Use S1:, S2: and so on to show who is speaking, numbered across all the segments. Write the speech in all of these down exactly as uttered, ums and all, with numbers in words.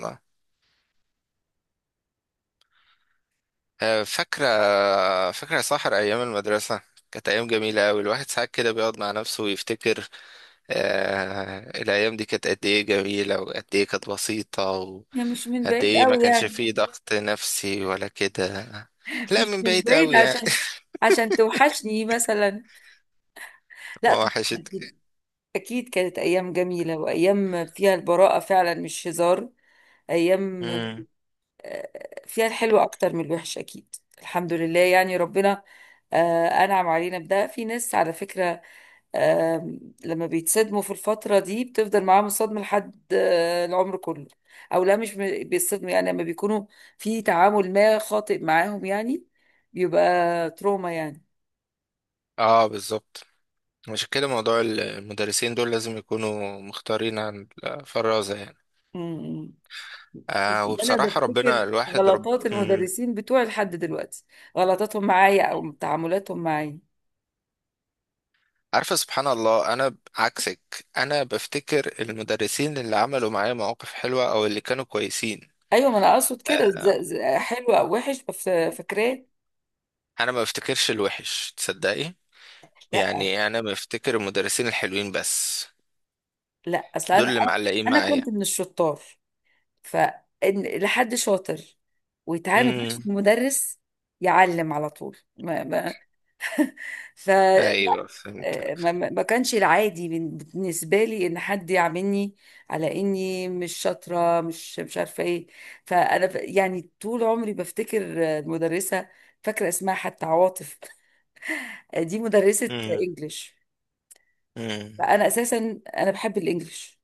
S1: الله. آه، فاكرة فاكرة يا ساحر أيام المدرسة. كانت أيام جميلة أوي، الواحد ساعات كده بيقعد مع نفسه ويفتكر آه الأيام دي كانت قد إيه جميلة وقد إيه كانت بسيطة
S2: هي
S1: وقد
S2: مش من بعيد
S1: إيه ما
S2: قوي
S1: كانش
S2: يعني،
S1: فيه ضغط نفسي ولا كده. لا،
S2: مش
S1: من
S2: من
S1: بعيد
S2: بعيد
S1: أوي يعني.
S2: عشان عشان توحشني مثلا. لا طب،
S1: وحشت.
S2: أكيد. أكيد كانت أيام جميلة وأيام فيها البراءة فعلا، مش هزار. أيام
S1: مم.
S2: آه، فيها الحلو أكتر من الوحش، أكيد الحمد لله يعني ربنا آه، أنعم علينا بده. في ناس على فكرة، آم، لما بيتصدموا في الفترة دي بتفضل معاهم الصدمة لحد آه، العمر كله. أو لا، مش م- بيتصدموا يعني لما بيكونوا في تعامل ما خاطئ معاهم يعني، بيبقى تروما يعني.
S1: آه، بالظبط. عشان كده موضوع المدرسين دول لازم يكونوا مختارين عن الفرازة يعني.
S2: م- م.
S1: آه
S2: أنا
S1: وبصراحة، ربنا
S2: بفتكر
S1: الواحد رب.
S2: غلطات
S1: مم.
S2: المدرسين بتوعي لحد دلوقتي، غلطاتهم معايا أو تعاملاتهم معايا.
S1: عارفة، سبحان الله، أنا عكسك. أنا بفتكر المدرسين اللي عملوا معايا مواقف حلوة أو اللي كانوا كويسين.
S2: أيوة، ما أنا أقصد كده، ز- ز- حلو أو وحش بف- فاكراه.
S1: أنا ما بفتكرش الوحش، تصدقي.
S2: لا،
S1: يعني أنا بفتكر المدرسين الحلوين بس،
S2: لا أصل أنا
S1: دول اللي
S2: أنا
S1: معلقين
S2: أنا
S1: معايا.
S2: كنت من الشطار، فإن لحد شاطر ويتعامل مع
S1: امم.
S2: المدرس يعلم على طول. ما ما ف
S1: أيوه فهمت.
S2: آه، ما, ما ما كانش العادي بن- بالنسبه لي ان حد يعاملني على اني مش شاطره، مش مش عارفه ايه. فانا ف- يعني طول عمري بفتكر آه، المدرسه، فاكره اسمها حتى عواطف. آه، دي مدرسه
S1: امم.
S2: انجليش.
S1: امم.
S2: فانا اساسا انا بحب الانجليش،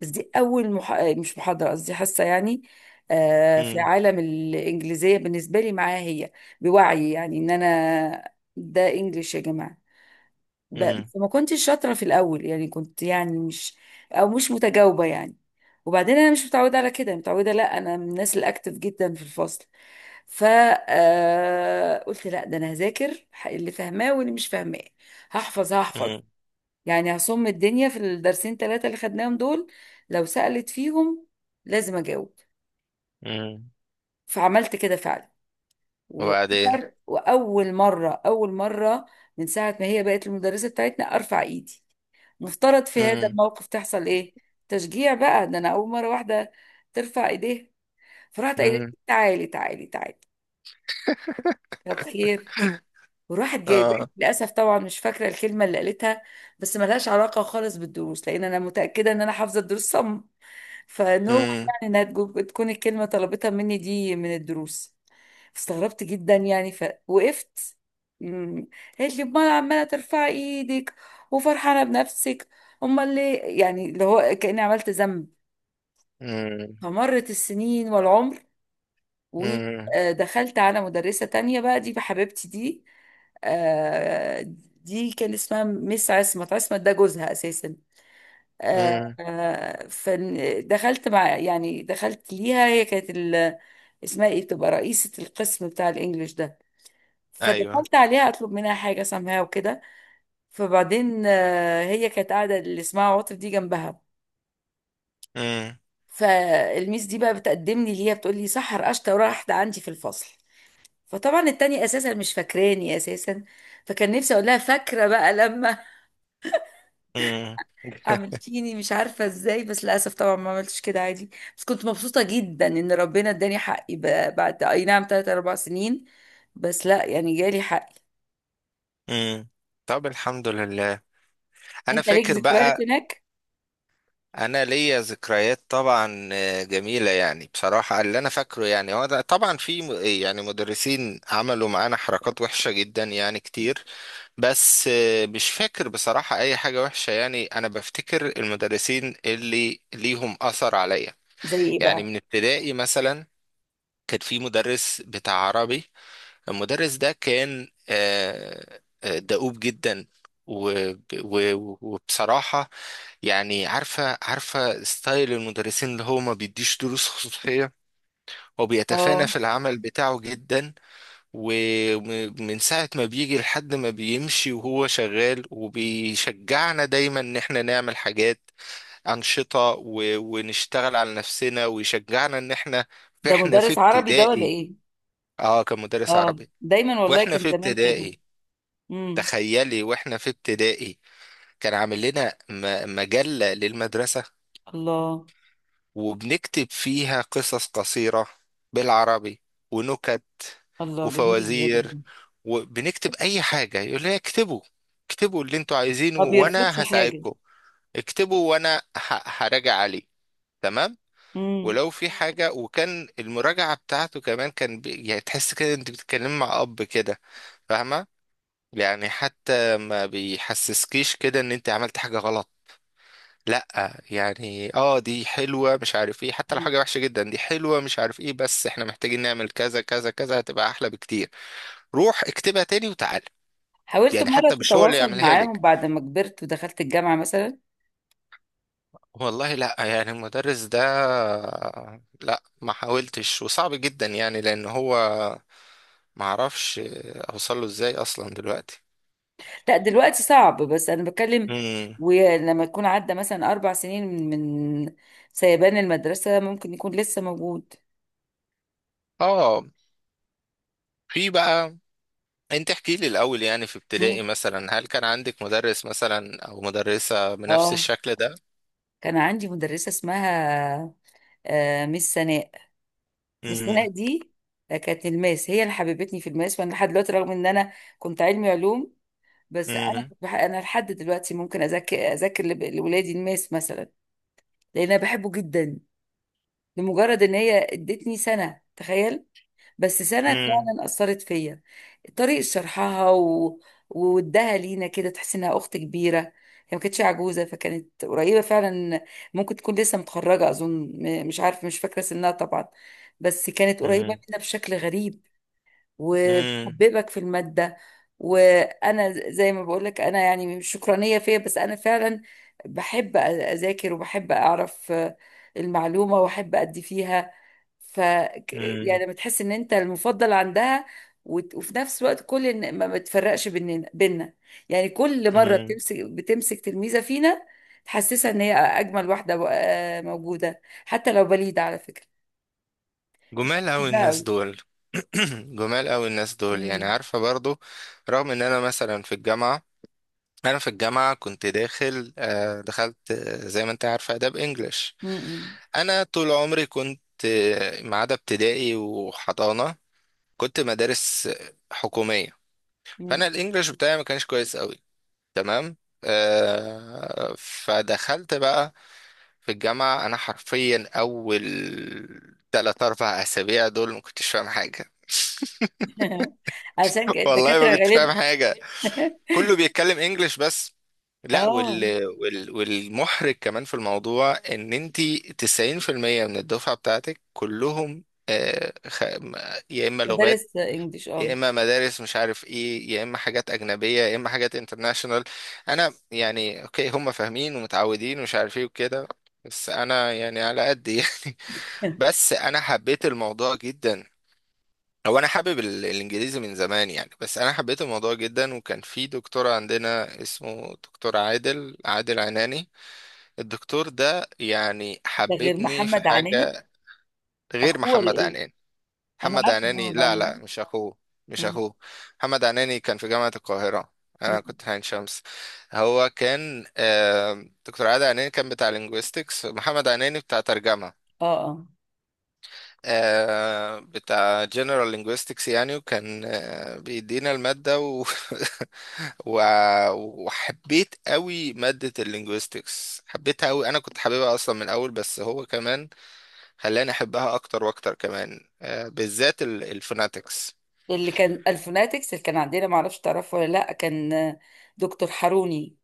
S2: بس دي أول مح... مش محاضرة قصدي حصة يعني آه، في
S1: امم.
S2: عالم الإنجليزية بالنسبة لي معاها هي، بوعي يعني إن أنا ده إنجليش يا جماعة. ب...
S1: امم.
S2: فما كنتش شاطرة في الأول يعني، كنت يعني مش، أو مش متجاوبة يعني. وبعدين أنا مش متعودة على كده، متعودة لا، أنا من الناس الأكتف جدا في الفصل. ف آه، قلت لا، ده أنا هذاكر اللي فاهماه واللي مش فاهماه، هحفظ هحفظ
S1: امم.
S2: يعني، هصم الدنيا في الدرسين ثلاثة اللي خدناهم دول. لو سألت فيهم لازم أجاوب.
S1: أمم.
S2: فعملت كده فعلا،
S1: وبعدين.
S2: وأخر وأول مرة أول مرة من ساعة ما هي بقت المدرسة بتاعتنا أرفع إيدي. مفترض في هذا
S1: امم.
S2: الموقف تحصل إيه؟ تشجيع بقى. ده أنا أول مرة واحدة ترفع إيديها، فرحت قايلة
S1: امم.
S2: تعالي تعالي تعالي. طب خير؟ وراحت جايبه لي-
S1: آه.
S2: للاسف طبعا مش فاكره الكلمه اللي قالتها، بس ملهاش علاقه خالص بالدروس، لان انا متاكده ان انا حافظه الدروس صم. فان هو
S1: امم.
S2: يعني انها تجو- تكون الكلمه طلبتها مني دي من الدروس، استغربت جدا يعني فوقفت. مم. قالت لي امال عماله ترفعي ايدك وفرحانه بنفسك، امال ليه؟ يعني اللي هو كاني عملت ذنب.
S1: امم.
S2: فمرت السنين والعمر،
S1: امم.
S2: ودخلت على مدرسه تانية بقى، دي بحبيبتي دي. آه، دي كان اسمها مس عصمت، عصمت ده جوزها اساسا. آه،
S1: أمم.
S2: آه، فدخلت مع يعني دخلت ليها، هي كانت ال- اسمها ايه، بتبقى رئيسة القسم بتاع الانجليش ده.
S1: أيوه.
S2: فدخلت عليها اطلب منها حاجة سامعها وكده، فبعدين آه، هي كانت قاعدة اللي اسمها عاطف دي جنبها.
S1: امم.
S2: فالميس دي بقى بتقدمني ليها، بتقول لي سحر اشطر واحدة عندي في الفصل. فطبعا التانية اساسا مش فاكراني اساسا، فكان نفسي اقول لها فاكرة بقى لما
S1: امم.
S2: عملتيني مش عارفة ازاي، بس للأسف طبعا ما عملتش كده، عادي. بس كنت مبسوطة جدا ان ربنا اداني حقي ب- بعد اي نعم تلات اربع سنين، بس لا يعني جالي حقي.
S1: امم. طب الحمد لله. انا
S2: انت ليك
S1: فاكر
S2: ذكريات
S1: بقى.
S2: هناك؟
S1: انا ليا ذكريات طبعا، آه، جميله يعني، بصراحه اللي انا فاكره يعني هو ده. طبعا في م- إيه يعني، مدرسين عملوا معانا حركات وحشه جدا يعني كتير. بس آه، مش فاكر بصراحه اي حاجه وحشه يعني، انا بفتكر المدرسين اللي ليهم اثر عليا.
S2: زي ايه
S1: يعني
S2: بقى؟
S1: من ابتدائي مثلا، كان في مدرس بتاع عربي. المدرس ده كان آه، آه، دؤوب جدا وب- و- وبصراحة، يعني عارفة عارفة ستايل المدرسين اللي هو ما بيديش دروس خصوصية، هو بيتفانى
S2: اه،
S1: في العمل بتاعه جدا. ومن ساعة ما بيجي لحد ما بيمشي وهو شغال، وبيشجعنا دايما ان احنا نعمل حاجات، أنشطة، و- ونشتغل على نفسنا ويشجعنا ان احنا
S2: ده
S1: احنا في
S2: مدرس عربي ده ولا
S1: ابتدائي.
S2: ايه؟
S1: اه كان مدرس
S2: اه
S1: عربي.
S2: دايما، والله
S1: واحنا
S2: كان
S1: في
S2: زمان كده.
S1: ابتدائي،
S2: امم.
S1: تخيلي واحنا في ابتدائي، كان عامل لنا م- مجلة للمدرسة.
S2: الله.
S1: وبنكتب فيها قصص قصيرة بالعربي ونكت
S2: الله، جميل الراجل ده.
S1: وفوازير. وبنكتب اي حاجة يقول لنا اكتبوا، اكتبوا اللي انتوا عايزينه
S2: ما بيرفضش
S1: وانا
S2: حاجة.
S1: هساعدكم. اكتبوا وانا ه- هراجع عليه. تمام.
S2: امم.
S1: ولو في حاجة، وكان المراجعة بتاعته كمان كان بي... يعني تحس كده انت بتتكلمي مع اب كده، فاهمة؟ يعني حتى ما بيحسسكيش كده ان انت عملت حاجة غلط. لا يعني، اه دي حلوة مش عارف ايه، حتى لو حاجة وحشة جدا دي حلوة مش عارف ايه، بس احنا محتاجين نعمل كذا كذا كذا، هتبقى احلى بكتير. روح اكتبها تاني وتعال.
S2: حاولت
S1: يعني
S2: مرة
S1: حتى مش هو اللي
S2: تتواصل
S1: يعملها
S2: معاهم
S1: لك.
S2: بعد ما كبرت ودخلت الجامعة مثلا؟
S1: والله لا يعني المدرس ده، لا ما حاولتش وصعب جدا يعني، لان هو ما اعرفش اوصله ازاي اصلا دلوقتي.
S2: لا دلوقتي صعب، بس انا بتكلم
S1: امم.
S2: ولما يكون عدى مثلا اربع سنين من من سيبان المدرسه، ممكن يكون لسه موجود.
S1: اه. في بقى. انت احكي لي الاول يعني، في ابتدائي
S2: مم.
S1: مثلا هل كان عندك مدرس مثلا او مدرسة بنفس
S2: اه،
S1: الشكل ده؟
S2: كان عندي مدرسه اسمها آه، مس سناء. مس سناء
S1: مم.
S2: دي كانت الماس، هي اللي حببتني في الماس. وانا لحد دلوقتي، رغم ان انا كنت علمي علوم، بس انا
S1: مم.
S2: كنت بح... انا لحد دلوقتي ممكن اذاكر اذاكر لب- لاولادي الماس مثلا، لان انا بحبه جدا. لمجرد ان هي ادتني سنه، تخيل، بس سنة
S1: مم.
S2: فعلا أثرت فيا. طريقة شرحها و... وودها لينا كده، تحس إنها أخت كبيرة هي. ما كانتش عجوزة، فكانت قريبة فعلا، ممكن تكون لسه متخرجة أظن، م- مش عارفة مش فاكرة سنها طبعا، بس كانت قريبة
S1: مم.
S2: منا بشكل غريب.
S1: مم.
S2: وبتحببك في المادة. وأنا زي ما بقولك، أنا يعني مش شكرانية فيا، بس أنا فعلا بحب أ- أذاكر وبحب أعرف آه، المعلومة وأحب أدي فيها. ف ك-
S1: مم.
S2: يعني لما تحس ان انت المفضل عندها، وت- وفي نفس الوقت كل إن- ما بتفرقش بيننا بيننا، يعني كل مره
S1: مم.
S2: بتمسك بتمسك تلميذه فينا تحسسها ان هي اجمل واحده و- آه، موجوده حتى لو بليده على فكره. فكنت
S1: جمال اوي
S2: بحبها
S1: الناس
S2: قوي.
S1: دول. جمال اوي الناس دول، يعني
S2: مم.
S1: عارفة برضو رغم ان انا مثلا في الجامعة، انا في الجامعة كنت داخل، آه، دخلت آه، زي ما انت عارفة اداب انجلش.
S2: مم.
S1: انا طول عمري كنت، آه، ما عدا ابتدائي وحضانة، كنت مدارس حكومية.
S2: مم.
S1: فانا الانجليش بتاعي ما كانش كويس قوي، تمام. آه فدخلت بقى في الجامعة، انا حرفيا اول تلات اربع اسابيع دول ما كنتش فاهم حاجة.
S2: عشان كده
S1: والله
S2: الدكاتره
S1: ما كنت فاهم
S2: غالبا.
S1: حاجة، كله بيتكلم انجليش بس. لا،
S2: اه،
S1: وال... وال... والمحرج كمان في الموضوع ان انتي تسعين في المية من الدفعة بتاعتك كلهم آه، خ... يا اما لغات،
S2: مدرس انجليش،
S1: يا
S2: اه.
S1: اما مدارس مش عارف ايه، يا اما حاجات اجنبيه، يا اما حاجات انترناشونال. انا يعني اوكي هم فاهمين ومتعودين ومش عارف ايه وكده، بس انا يعني على قد يعني. بس انا حبيت الموضوع جدا. هو انا حابب ال- الانجليزي من زمان يعني، بس انا حبيت الموضوع جدا. وكان في دكتور عندنا اسمه دكتور عادل عادل عناني. الدكتور ده يعني
S2: ده غير
S1: حببني في
S2: محمد عنالي؟
S1: حاجه. غير
S2: اخوه ولا
S1: محمد
S2: ايه؟
S1: عناني.
S2: انا
S1: محمد
S2: عارفه
S1: عناني،
S2: محمد
S1: لا
S2: عنالي.
S1: لا مش اخوه، مش
S2: مم.
S1: اخوه. محمد عناني كان في جامعة القاهرة، انا
S2: مم.
S1: كنت في عين شمس. هو كان، آه، دكتور عادل عناني كان بتاع لينجويستكس، محمد عناني بتاع ترجمة.
S2: اه، اه.
S1: آه، بتاع جنرال لينجويستكس يعني. وكان آه، بيدينا المادة و... و... وحبيت قوي مادة اللينجويستكس، حبيتها قوي. انا كنت حاببها اصلا من الاول، بس هو كمان خلاني احبها اكتر واكتر كمان، آه، بالذات الفوناتكس.
S2: اللي كان الفوناتكس اللي كان عندنا، معرفش تعرفه ولا لا، كان آه، دكتور حاروني.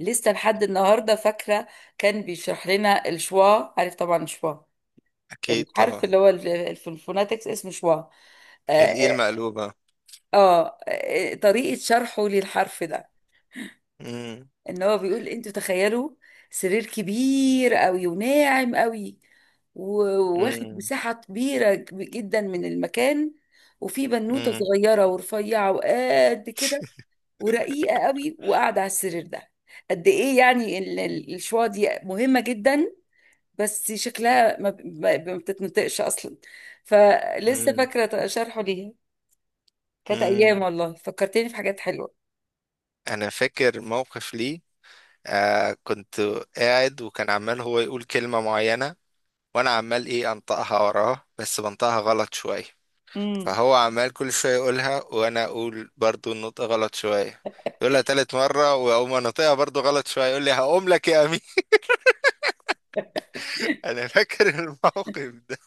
S2: لسه لحد النهارده فاكره كان بيشرح لنا الشوا، عارف طبعا الشوا،
S1: اكيد
S2: الحرف
S1: طبعا.
S2: اللي هو ال- ال- في الفوناتكس اسمه شوا. آه, آه,
S1: الإيه المقلوبة.
S2: آه آه، طريقه شرحه للحرف ده،
S1: مم.
S2: ان هو بيقول انتوا تخيلوا سرير كبير قوي وناعم قوي، وواخد
S1: مم.
S2: مساحه كبيره جدا من المكان، وفي بنوته
S1: مم.
S2: صغيره ورفيعه وقد كده ورقيقة قوي وقاعدة على السرير ده. قد ايه يعني ال- ال- الشوا دي مهمة جدا، بس شكلها ما ب- ما ب- ما بتتنطقش اصلا. فلسه
S1: مم.
S2: فاكرة شرحه ليها. كانت ايام
S1: مم.
S2: والله، فكرتني في حاجات حلوة.
S1: أنا فاكر موقف لي، آه كنت قاعد وكان عمال هو يقول كلمة معينة وأنا عمال إيه أنطقها وراه، بس بنطقها غلط شوية.
S2: امم.
S1: فهو عمال كل شوية يقولها وأنا أقول برضو النطق غلط شوية. يقولها تالت مرة وأقوم أنطقها برضو غلط شوية، يقول لي هقوم لك يا أمين. أنا فاكر الموقف ده.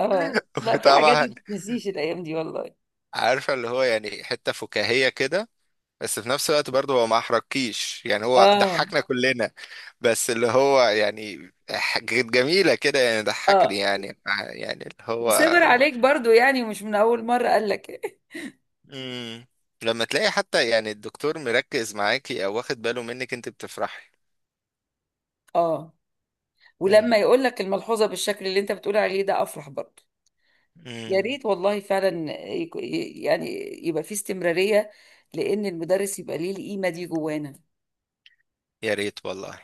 S2: اه، لا في حاجات ما
S1: وطبعا،
S2: تتنسيش الايام دي والله.
S1: عارفة اللي هو يعني حتة فكاهية كده، بس في نفس الوقت برضه هو ما احرجكيش يعني، هو
S2: اه.
S1: ضحكنا كلنا، بس اللي هو يعني حاجات جميلة كده يعني، ضحكني
S2: اه،
S1: يعني، يعني اللي هو.
S2: وصبر عليك برضو، يعني مش من اول مرة قال لك.
S1: مم. لما تلاقي حتى يعني الدكتور مركز معاكي او واخد باله منك انت بتفرحي.
S2: اه.
S1: مم.
S2: ولما يقول لك الملحوظة بالشكل اللي انت بتقول عليه ده، افرح برضو. يا
S1: مم.
S2: ريت والله، فعلا يك- يعني يبقى في استمرارية، لأن المدرس يبقى ليه القيمة دي جوانا.
S1: يا ريت والله